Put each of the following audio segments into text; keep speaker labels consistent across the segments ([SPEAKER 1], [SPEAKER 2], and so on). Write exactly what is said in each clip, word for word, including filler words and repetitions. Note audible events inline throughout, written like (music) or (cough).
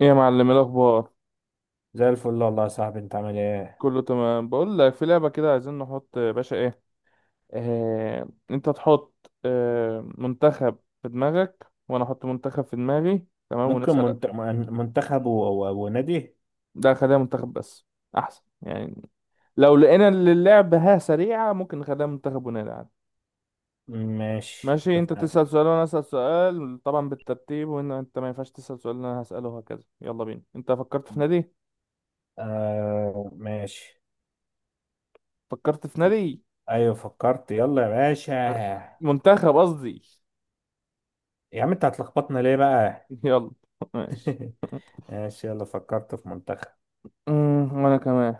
[SPEAKER 1] ايه يا معلم، إيه الاخبار؟
[SPEAKER 2] زي الفل والله يا صاحبي انت عامل ايه.
[SPEAKER 1] كله تمام. بقول لك في لعبه كده عايزين نحط، يا باشا ايه، آه انت تحط آه منتخب في دماغك وانا احط منتخب في دماغي، تمام،
[SPEAKER 2] ممكن
[SPEAKER 1] ونسال.
[SPEAKER 2] منت... من- منتخب و... و... ونادي.
[SPEAKER 1] ده خليها منتخب بس، احسن يعني. لو لقينا إن اللعبه ها سريعه ممكن نخليها منتخب ونلعب.
[SPEAKER 2] ماشي
[SPEAKER 1] ماشي. انت
[SPEAKER 2] اتفقنا.
[SPEAKER 1] تسال سؤال وانا اسال سؤال، طبعا بالترتيب، وان انت ما ينفعش تسال سؤال اللي انا هساله وهكذا. يلا بينا. انت فكرت في نادي؟
[SPEAKER 2] آه ماشي.
[SPEAKER 1] فكرت في نادي،
[SPEAKER 2] ايوه فكرت يلا يا باشا.
[SPEAKER 1] منتخب قصدي.
[SPEAKER 2] يا عم انت هتلخبطنا ليه بقى؟
[SPEAKER 1] (laughs) يلا. ماشي.
[SPEAKER 2] (laughs) ماشي يلا فكرت في منتخب.
[SPEAKER 1] امم وانا كمان.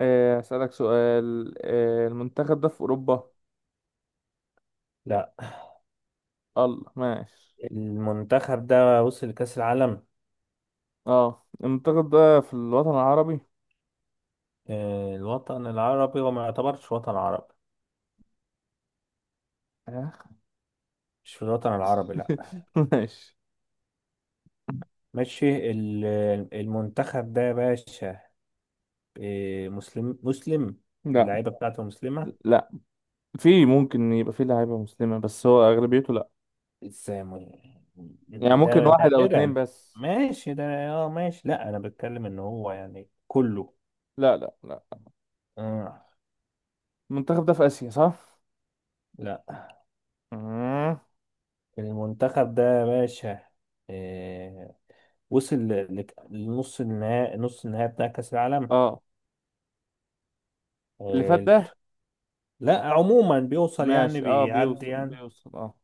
[SPEAKER 1] آه، اسالك سؤال. آه، المنتخب ده في اوروبا؟
[SPEAKER 2] لا
[SPEAKER 1] الله، ماشي.
[SPEAKER 2] المنتخب ده وصل لكأس العالم.
[SPEAKER 1] اه المنتخب ده في الوطن العربي؟
[SPEAKER 2] آه الوطن العربي وما يعتبرش وطن عربي.
[SPEAKER 1] آه.
[SPEAKER 2] مش في الوطن العربي لا.
[SPEAKER 1] (laughs) ماشي.
[SPEAKER 2] ماشي ال- المنتخب ده يا باشا. آه مسلم مسلم.
[SPEAKER 1] لا
[SPEAKER 2] اللعيبة بتاعته مسلمة.
[SPEAKER 1] لا، في ممكن يبقى في لعيبه مسلمه بس هو اغلبيته لا.
[SPEAKER 2] سامو.
[SPEAKER 1] يعني
[SPEAKER 2] ده
[SPEAKER 1] ممكن واحد او اتنين
[SPEAKER 2] نادرا.
[SPEAKER 1] بس.
[SPEAKER 2] ماشي ده اه ماشي لا انا بتكلم ان هو يعني كله.
[SPEAKER 1] لا لا لا.
[SPEAKER 2] آه
[SPEAKER 1] المنتخب ده في اسيا، صح؟
[SPEAKER 2] لا
[SPEAKER 1] مم.
[SPEAKER 2] المنتخب ده يا باشا. آه وصل ل- لك- لنص النهائي، نص النهائي بتاع كأس العالم.
[SPEAKER 1] اه، اللي فات
[SPEAKER 2] آه
[SPEAKER 1] ده؟
[SPEAKER 2] لا عموما بيوصل يعني
[SPEAKER 1] ماشي، اه،
[SPEAKER 2] بيعدي
[SPEAKER 1] بيوصل
[SPEAKER 2] يعني.
[SPEAKER 1] بيوصل اه.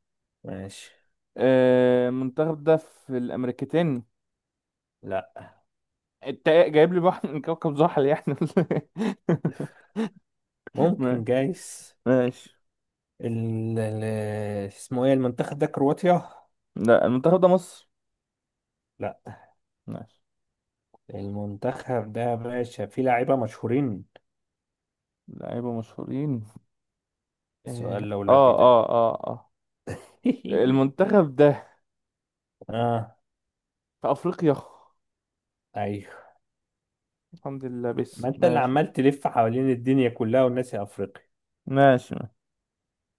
[SPEAKER 2] ماشي.
[SPEAKER 1] آه، المنتخب ده في الامريكتين؟
[SPEAKER 2] لا
[SPEAKER 1] انت جايب لي واحد من كوكب زحل يعني ولا إيه؟ (laughs)
[SPEAKER 2] ممكن
[SPEAKER 1] ماشي
[SPEAKER 2] جايز.
[SPEAKER 1] ماشي.
[SPEAKER 2] ال... ال- اسمه ايه المنتخب ده، كرواتيا؟
[SPEAKER 1] لا، المنتخب ده مصر.
[SPEAKER 2] لا
[SPEAKER 1] ماشي.
[SPEAKER 2] المنتخب ده يا باشا فيه لاعيبة مشهورين.
[SPEAKER 1] لعيبة مشهورين؟
[SPEAKER 2] سؤال
[SPEAKER 1] اه
[SPEAKER 2] لولبي
[SPEAKER 1] اه
[SPEAKER 2] ده.
[SPEAKER 1] اه اه آه.
[SPEAKER 2] (laughs)
[SPEAKER 1] المنتخب ده
[SPEAKER 2] اه
[SPEAKER 1] في افريقيا.
[SPEAKER 2] ايوه.
[SPEAKER 1] الحمد لله، بس
[SPEAKER 2] ما انت اللي
[SPEAKER 1] ماشي.
[SPEAKER 2] عمال تلف حوالين الدنيا كلها والناس يا افريقيا،
[SPEAKER 1] ماشي ماشي.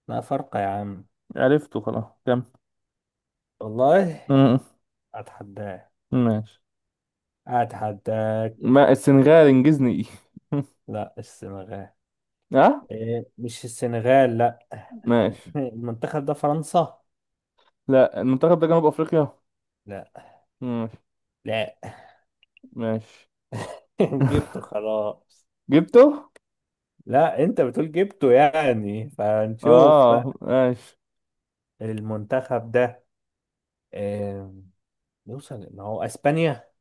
[SPEAKER 2] ما فرق يا عم.
[SPEAKER 1] عرفته خلاص. كم؟ م-
[SPEAKER 2] والله
[SPEAKER 1] م.
[SPEAKER 2] اتحداك
[SPEAKER 1] (laughs) ماشي.
[SPEAKER 2] اتحداك.
[SPEAKER 1] ما السنغال انجزني. (laughs)
[SPEAKER 2] لا السنغال.
[SPEAKER 1] ايه اه.
[SPEAKER 2] إيه مش السنغال لا.
[SPEAKER 1] ماشي.
[SPEAKER 2] (laughs) المنتخب ده فرنسا.
[SPEAKER 1] لا، المنتخب ده جنوب افريقيا.
[SPEAKER 2] لا.
[SPEAKER 1] ماشي
[SPEAKER 2] لا.
[SPEAKER 1] ماشي.
[SPEAKER 2] (laughs)
[SPEAKER 1] (laughs)
[SPEAKER 2] جبته خلاص.
[SPEAKER 1] جبته.
[SPEAKER 2] لا انت بتقول جبته، يعني فنشوف بقى.
[SPEAKER 1] اه ماشي.
[SPEAKER 2] المنتخب ده إيه؟ يوصل ما هو اسبانيا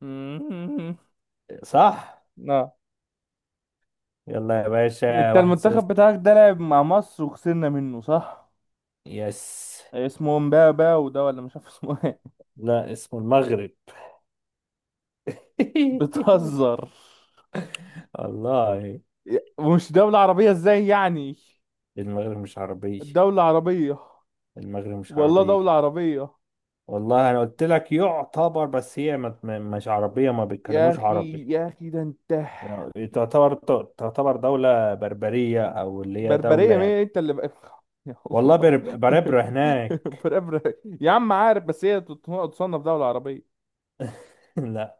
[SPEAKER 1] (laughs)
[SPEAKER 2] صح؟
[SPEAKER 1] لا،
[SPEAKER 2] يلا يا باشا
[SPEAKER 1] انت
[SPEAKER 2] واحد صفر.
[SPEAKER 1] المنتخب بتاعك ده لعب مع مصر وخسرنا منه، صح؟
[SPEAKER 2] يس.
[SPEAKER 1] اسمه مبابا وده ولا مش عارف اسمه ايه.
[SPEAKER 2] لا اسمه المغرب.
[SPEAKER 1] (laughs)
[SPEAKER 2] (laughs)
[SPEAKER 1] بتهزر؟
[SPEAKER 2] والله.
[SPEAKER 1] ومش دولة عربية؟ ازاي يعني؟
[SPEAKER 2] المغرب مش عربية.
[SPEAKER 1] دولة عربية.
[SPEAKER 2] المغرب مش
[SPEAKER 1] والله
[SPEAKER 2] عربية.
[SPEAKER 1] دولة عربية.
[SPEAKER 2] والله أنا قلت لك يعتبر، بس هي ما- ما- مش عربية، ما
[SPEAKER 1] يا
[SPEAKER 2] بيتكلموش
[SPEAKER 1] اخي
[SPEAKER 2] عربي.
[SPEAKER 1] يا اخي، ده انت.
[SPEAKER 2] تعتبر. تعتبر دولة بربرية أو اللي هي دولة
[SPEAKER 1] بربرية مين؟
[SPEAKER 2] يعني.
[SPEAKER 1] انت اللي بقى. يا الله.
[SPEAKER 2] والله برب- بربرة هناك.
[SPEAKER 1] (laughs) بربرة. يا عم عارف، بس هي تصنف دولة عربية.
[SPEAKER 2] (laughs) لا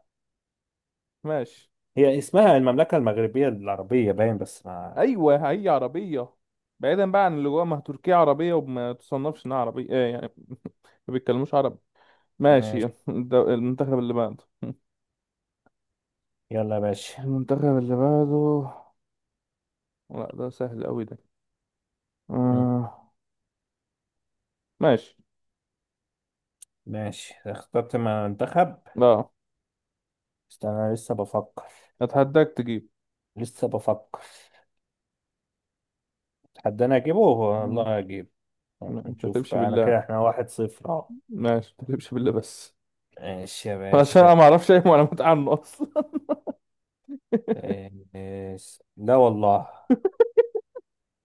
[SPEAKER 1] ماشي.
[SPEAKER 2] هي اسمها المملكة المغربية العربية باين، بس ما.
[SPEAKER 1] ايوه هي عربيه. بعيدا بقى عن اللي جوه، ما هي تركيا عربيه وما تصنفش انها عربيه، ايه يعني؟ (laughs) ما بيتكلموش عربي. ماشي. (laughs)
[SPEAKER 2] ماشي.
[SPEAKER 1] الد- المنتخب اللي بعده. (laughs)
[SPEAKER 2] يلا يا باشا.
[SPEAKER 1] المنتخب اللي بعده. لا ده سهل قوي ده.
[SPEAKER 2] مم.
[SPEAKER 1] آه. ماشي.
[SPEAKER 2] ماشي اخترت منتخب.
[SPEAKER 1] لا،
[SPEAKER 2] استنى أنا لسه بفكر.
[SPEAKER 1] اتحداك تجيب.
[SPEAKER 2] لسه بفكر. حد انا اجيبه
[SPEAKER 1] مم.
[SPEAKER 2] والله اجيب.
[SPEAKER 1] ما ما
[SPEAKER 2] نشوف
[SPEAKER 1] تحلفش
[SPEAKER 2] بقى، انا
[SPEAKER 1] بالله.
[SPEAKER 2] كده احنا واحد صفر اهو.
[SPEAKER 1] ماشي، ما تحلفش بالله بس.
[SPEAKER 2] ماشي يا
[SPEAKER 1] (laughs) عشان
[SPEAKER 2] باشا.
[SPEAKER 1] انا ما اعرفش اي معلومات عنه اصلا.
[SPEAKER 2] إيه- إيه- لا والله.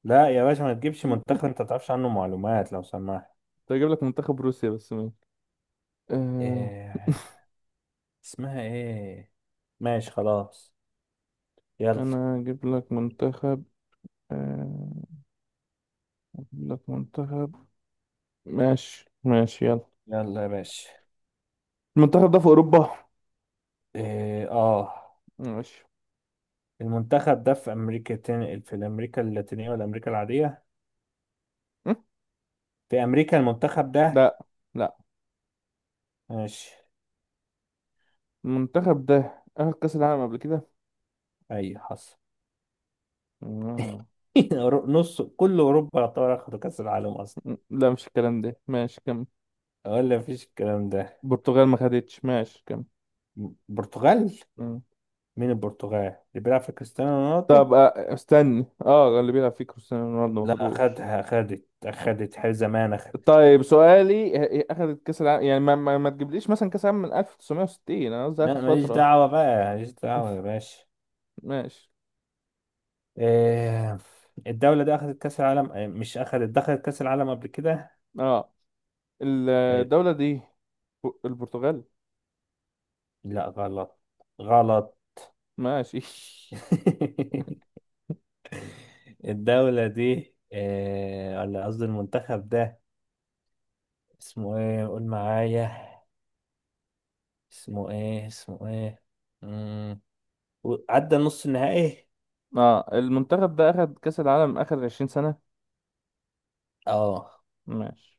[SPEAKER 2] لا يا باشا ما تجيبش
[SPEAKER 1] (laughs)
[SPEAKER 2] منتخب انت ما تعرفش عنه معلومات لو سمحت.
[SPEAKER 1] كنت اجيب لك منتخب روسيا بس ماشي. آه.
[SPEAKER 2] إيه... اسمها ايه؟ ماشي خلاص. يلا.
[SPEAKER 1] انا اجيب لك منتخب. آه، اجيب لك منتخب. ماشي ماشي، يلا.
[SPEAKER 2] يلا يا باشا.
[SPEAKER 1] المنتخب ده في اوروبا.
[SPEAKER 2] إيه... اه
[SPEAKER 1] ماشي.
[SPEAKER 2] المنتخب ده في امريكا تن... في امريكا اللاتينية ولا امريكا العادية؟
[SPEAKER 1] م?
[SPEAKER 2] في امريكا المنتخب ده؟
[SPEAKER 1] لا. لا.
[SPEAKER 2] ماشي.
[SPEAKER 1] المنتخب ده اخد كاس العالم قبل كده؟
[SPEAKER 2] اي حصل.
[SPEAKER 1] مم.
[SPEAKER 2] (laughs) نص كل اوروبا يعتبر اخدوا كاس العالم اصلا.
[SPEAKER 1] لا، مش الكلام ده. ماشي، كم؟
[SPEAKER 2] ولا مفيش الكلام ده.
[SPEAKER 1] البرتغال ما خدتش. ماشي، كم؟
[SPEAKER 2] برتغال.
[SPEAKER 1] مم.
[SPEAKER 2] مين البرتغال اللي بيلعب في كريستيانو
[SPEAKER 1] طب
[SPEAKER 2] رونالدو؟
[SPEAKER 1] آه، استني، اه، اللي بيلعب فيه كريستيانو رونالدو ما
[SPEAKER 2] لا
[SPEAKER 1] خدوش.
[SPEAKER 2] أخدها، أخدت أخدت حي زمان أخدت.
[SPEAKER 1] طيب سؤالي، آه، اخدت كاس العالم يعني، ما, ما, ما تجيبليش مثلا كاس العالم من ألف وتسعمية وستين، انا قصدي اخر
[SPEAKER 2] لا ماليش
[SPEAKER 1] فترة.
[SPEAKER 2] دعوة بقى. ماليش دعوة يا
[SPEAKER 1] (laughs)
[SPEAKER 2] باشا.
[SPEAKER 1] ماشي.
[SPEAKER 2] إيه. الدولة دي أخدت كأس العالم إيه، مش أخدت، دخلت كأس العالم قبل كده.
[SPEAKER 1] اه،
[SPEAKER 2] إيه،
[SPEAKER 1] الدولة دي ب- البرتغال.
[SPEAKER 2] لا غلط. غلط.
[SPEAKER 1] ماشي. (laughs)
[SPEAKER 2] (laughs) الدولة دي إيه، ولا قصدي المنتخب ده. اسمه إيه قول معايا. اسمه إيه، اسمه إيه؟ مم. عدى نص النهائي.
[SPEAKER 1] اه، المنتخب ده اخد كأس العالم اخر 20 سنة؟
[SPEAKER 2] اه
[SPEAKER 1] ماشي.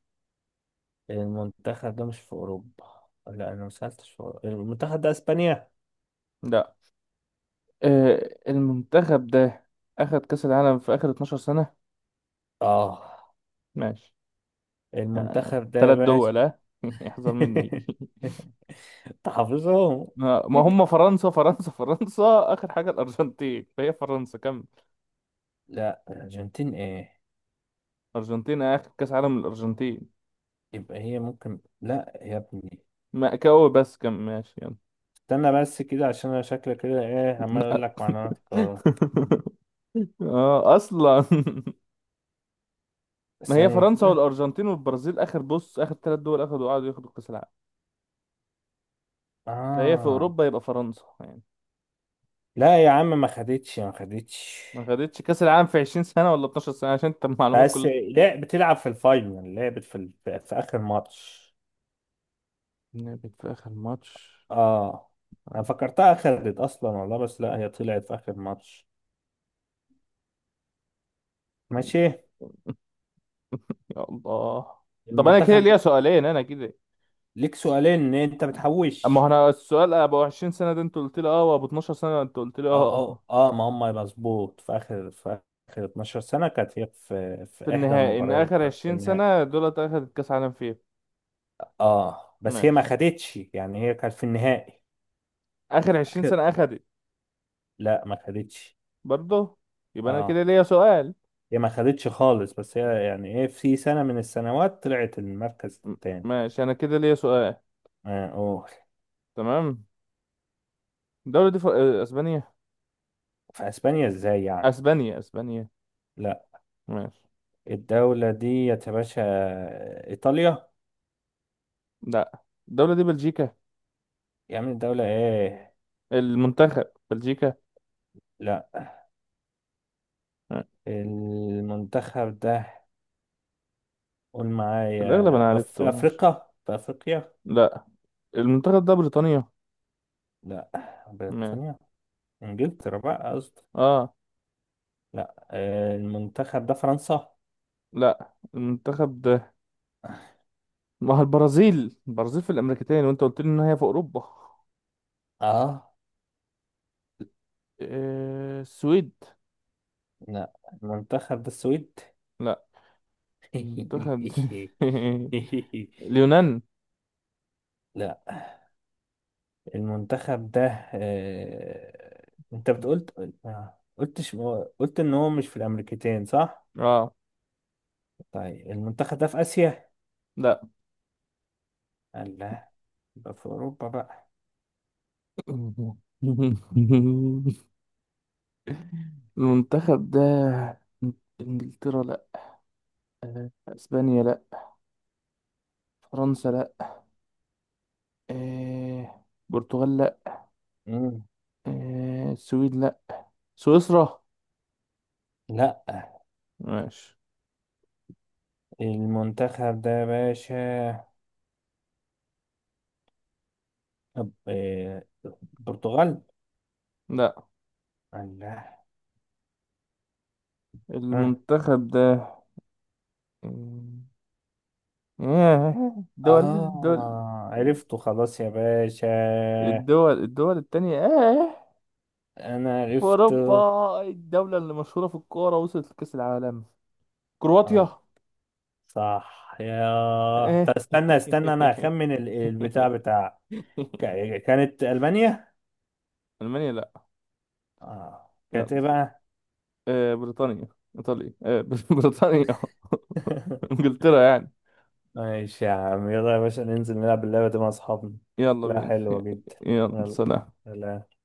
[SPEAKER 2] المنتخب ده مش في اوروبا. لا انا ما سالتش في أوروبا. المنتخب ده اسبانيا.
[SPEAKER 1] لا، آه، المنتخب ده اخد كأس العالم في اخر 12 سنة.
[SPEAKER 2] اه
[SPEAKER 1] ماشي. آه،
[SPEAKER 2] المنتخب ده يا
[SPEAKER 1] تلات
[SPEAKER 2] باشا.
[SPEAKER 1] دول اه. (laughs) يحذر مني. (laughs)
[SPEAKER 2] (laughs) تحافظهم.
[SPEAKER 1] ما ما هم فرنسا، فرنسا فرنسا. اخر حاجة الارجنتين، فهي فرنسا، كمل.
[SPEAKER 2] لا الارجنتين ايه.
[SPEAKER 1] أرجنتين آخر كأس عالم الأرجنتين.
[SPEAKER 2] يبقى هي ممكن لا يا ابني.
[SPEAKER 1] مأكاوي بس، كان ماشي يعني.
[SPEAKER 2] استنى بس كده عشان انا شكلي كده ايه عمال اقول
[SPEAKER 1] (laughs)
[SPEAKER 2] لك معلومات غلط.
[SPEAKER 1] اه اصلا. (laughs) ما هي
[SPEAKER 2] ثانية
[SPEAKER 1] فرنسا
[SPEAKER 2] كده.
[SPEAKER 1] والارجنتين والبرازيل اخر بص، اخر ثلاث دول اخدوا قعدوا ياخدوا كاس العالم. فهي في
[SPEAKER 2] اه.
[SPEAKER 1] اوروبا يبقى فرنسا يعني.
[SPEAKER 2] لا يا عم ما خدتش، ما خدتش.
[SPEAKER 1] ما خدتش كاس العالم في عشرين سنة سنه ولا اثنا عشر سنة سنه؟ عشان انت المعلومات
[SPEAKER 2] بس
[SPEAKER 1] كلها.
[SPEAKER 2] لا بتلعب في الفاينل، لعبت في, ال- في اخر ماتش.
[SPEAKER 1] لعبت في اخر ماتش.
[SPEAKER 2] اه. انا فكرتها خرجت اصلا والله، بس لا هي طلعت في اخر ماتش. ماشي.
[SPEAKER 1] يا الله. طب انا كده
[SPEAKER 2] المنتخب
[SPEAKER 1] ليا
[SPEAKER 2] ده.
[SPEAKER 1] سؤالين، انا كده.
[SPEAKER 2] ليك سؤالين ان انت
[SPEAKER 1] اما هو
[SPEAKER 2] بتحوش.
[SPEAKER 1] انا، السؤال ابو عشرين سنة سنه ده انت قلت لي اه، وابو اثنا عشر سنة سنه انت قلت لي
[SPEAKER 2] اه اه
[SPEAKER 1] اه.
[SPEAKER 2] اه ما هم مظبوط، في اخر، في اخر اتناشر سنه كانت هي في
[SPEAKER 1] في
[SPEAKER 2] في احدى
[SPEAKER 1] النهائي؟ ان اخر
[SPEAKER 2] المباريات في
[SPEAKER 1] 20
[SPEAKER 2] النهائي.
[SPEAKER 1] سنة دولت اخدت كاس عالم فيها؟
[SPEAKER 2] اه بس هي ما
[SPEAKER 1] ماشي.
[SPEAKER 2] خدتش يعني، هي كانت في النهائي.
[SPEAKER 1] اخر
[SPEAKER 2] (laughs)
[SPEAKER 1] 20
[SPEAKER 2] اخر.
[SPEAKER 1] سنة اخدت؟
[SPEAKER 2] لا ما خدتش.
[SPEAKER 1] برضه. يبقى انا
[SPEAKER 2] اه
[SPEAKER 1] كده ليا سؤال.
[SPEAKER 2] هي ما خدتش خالص، بس
[SPEAKER 1] يبقى-
[SPEAKER 2] هي يعني ايه، في سنه من السنوات طلعت المركز
[SPEAKER 1] م-
[SPEAKER 2] الثاني.
[SPEAKER 1] ماشي، انا كده ليا سؤال.
[SPEAKER 2] اه أوه.
[SPEAKER 1] تمام. الدولة دي ف... آه، اسبانيا؟
[SPEAKER 2] في اسبانيا ازاي يعني؟
[SPEAKER 1] اسبانيا، اسبانيا.
[SPEAKER 2] لا
[SPEAKER 1] ماشي.
[SPEAKER 2] الدولة دي يا باشا، إيطاليا.
[SPEAKER 1] لا، الدولة دي بلجيكا.
[SPEAKER 2] يا عم الدولة إيه؟
[SPEAKER 1] المنتخب بلجيكا.
[SPEAKER 2] لا
[SPEAKER 1] آه،
[SPEAKER 2] المنتخب ده. قول
[SPEAKER 1] في الاغلب انا
[SPEAKER 2] معايا
[SPEAKER 1] عرفته.
[SPEAKER 2] في
[SPEAKER 1] ماشي.
[SPEAKER 2] أفريقيا، في أفريقيا.
[SPEAKER 1] لا، المنتخب ده بريطانيا.
[SPEAKER 2] لا
[SPEAKER 1] ماشي.
[SPEAKER 2] بريطانيا. إنجلترا بقى قصدي.
[SPEAKER 1] اه.
[SPEAKER 2] لا آه، المنتخب ده فرنسا.
[SPEAKER 1] لا، المنتخب ده. ما هو البرازيل، البرازيل في الامريكتين، وانت قلت لي ان هي في اوروبا.
[SPEAKER 2] آه
[SPEAKER 1] آه، السويد؟
[SPEAKER 2] لا المنتخب ده السويد.
[SPEAKER 1] لا. منتخب. (laughs)
[SPEAKER 2] (laughs)
[SPEAKER 1] اليونان؟
[SPEAKER 2] لا المنتخب ده. آه، أنت بتقول، آه، قلتش، قلت إن هو مش في الأمريكتين صح؟
[SPEAKER 1] اه
[SPEAKER 2] طيب المنتخب ده في آسيا؟
[SPEAKER 1] لا.
[SPEAKER 2] لا. يبقى في أوروبا بقى.
[SPEAKER 1] (laughs) المنتخب ده، انجلترا لا، آه، اسبانيا لا، فرنسا لا، آه، برتغال لا،
[SPEAKER 2] مم.
[SPEAKER 1] آه، السويد لا، سويسرا؟
[SPEAKER 2] لا
[SPEAKER 1] ماشي.
[SPEAKER 2] المنتخب ده يا باشا. طب، آه، البرتغال؟
[SPEAKER 1] لا.
[SPEAKER 2] لا. ها.
[SPEAKER 1] المنتخب ده. آه، دول الدول
[SPEAKER 2] آه عرفته خلاص يا باشا.
[SPEAKER 1] الدول الدول التانية آه
[SPEAKER 2] أنا
[SPEAKER 1] في
[SPEAKER 2] عرفته.
[SPEAKER 1] أوروبا، الدولة اللي مشهورة في الكورة، وصلت لكأس العالم. كرواتيا.
[SPEAKER 2] آه صح يا. طب
[SPEAKER 1] ايه.
[SPEAKER 2] استنى استنى أنا هخمن ال- البتاع بتاع.
[SPEAKER 1] (laughs)
[SPEAKER 2] ك- كانت ألمانيا؟
[SPEAKER 1] المانيا لا.
[SPEAKER 2] آه كانت إيه
[SPEAKER 1] يلا.
[SPEAKER 2] بقى؟
[SPEAKER 1] آه، بريطانيا. ايطاليا. آه، (laughs) بريطانيا.
[SPEAKER 2] (laughs)
[SPEAKER 1] انجلترا يعني.
[SPEAKER 2] ماشي يا عم يلا يا باشا ننزل نلعب اللعبة دي مع أصحابنا.
[SPEAKER 1] يلا
[SPEAKER 2] شكلها
[SPEAKER 1] بينا.
[SPEAKER 2] حلوة جدا.
[SPEAKER 1] (laughs) يلا،
[SPEAKER 2] يلا
[SPEAKER 1] سلام.
[SPEAKER 2] سلام.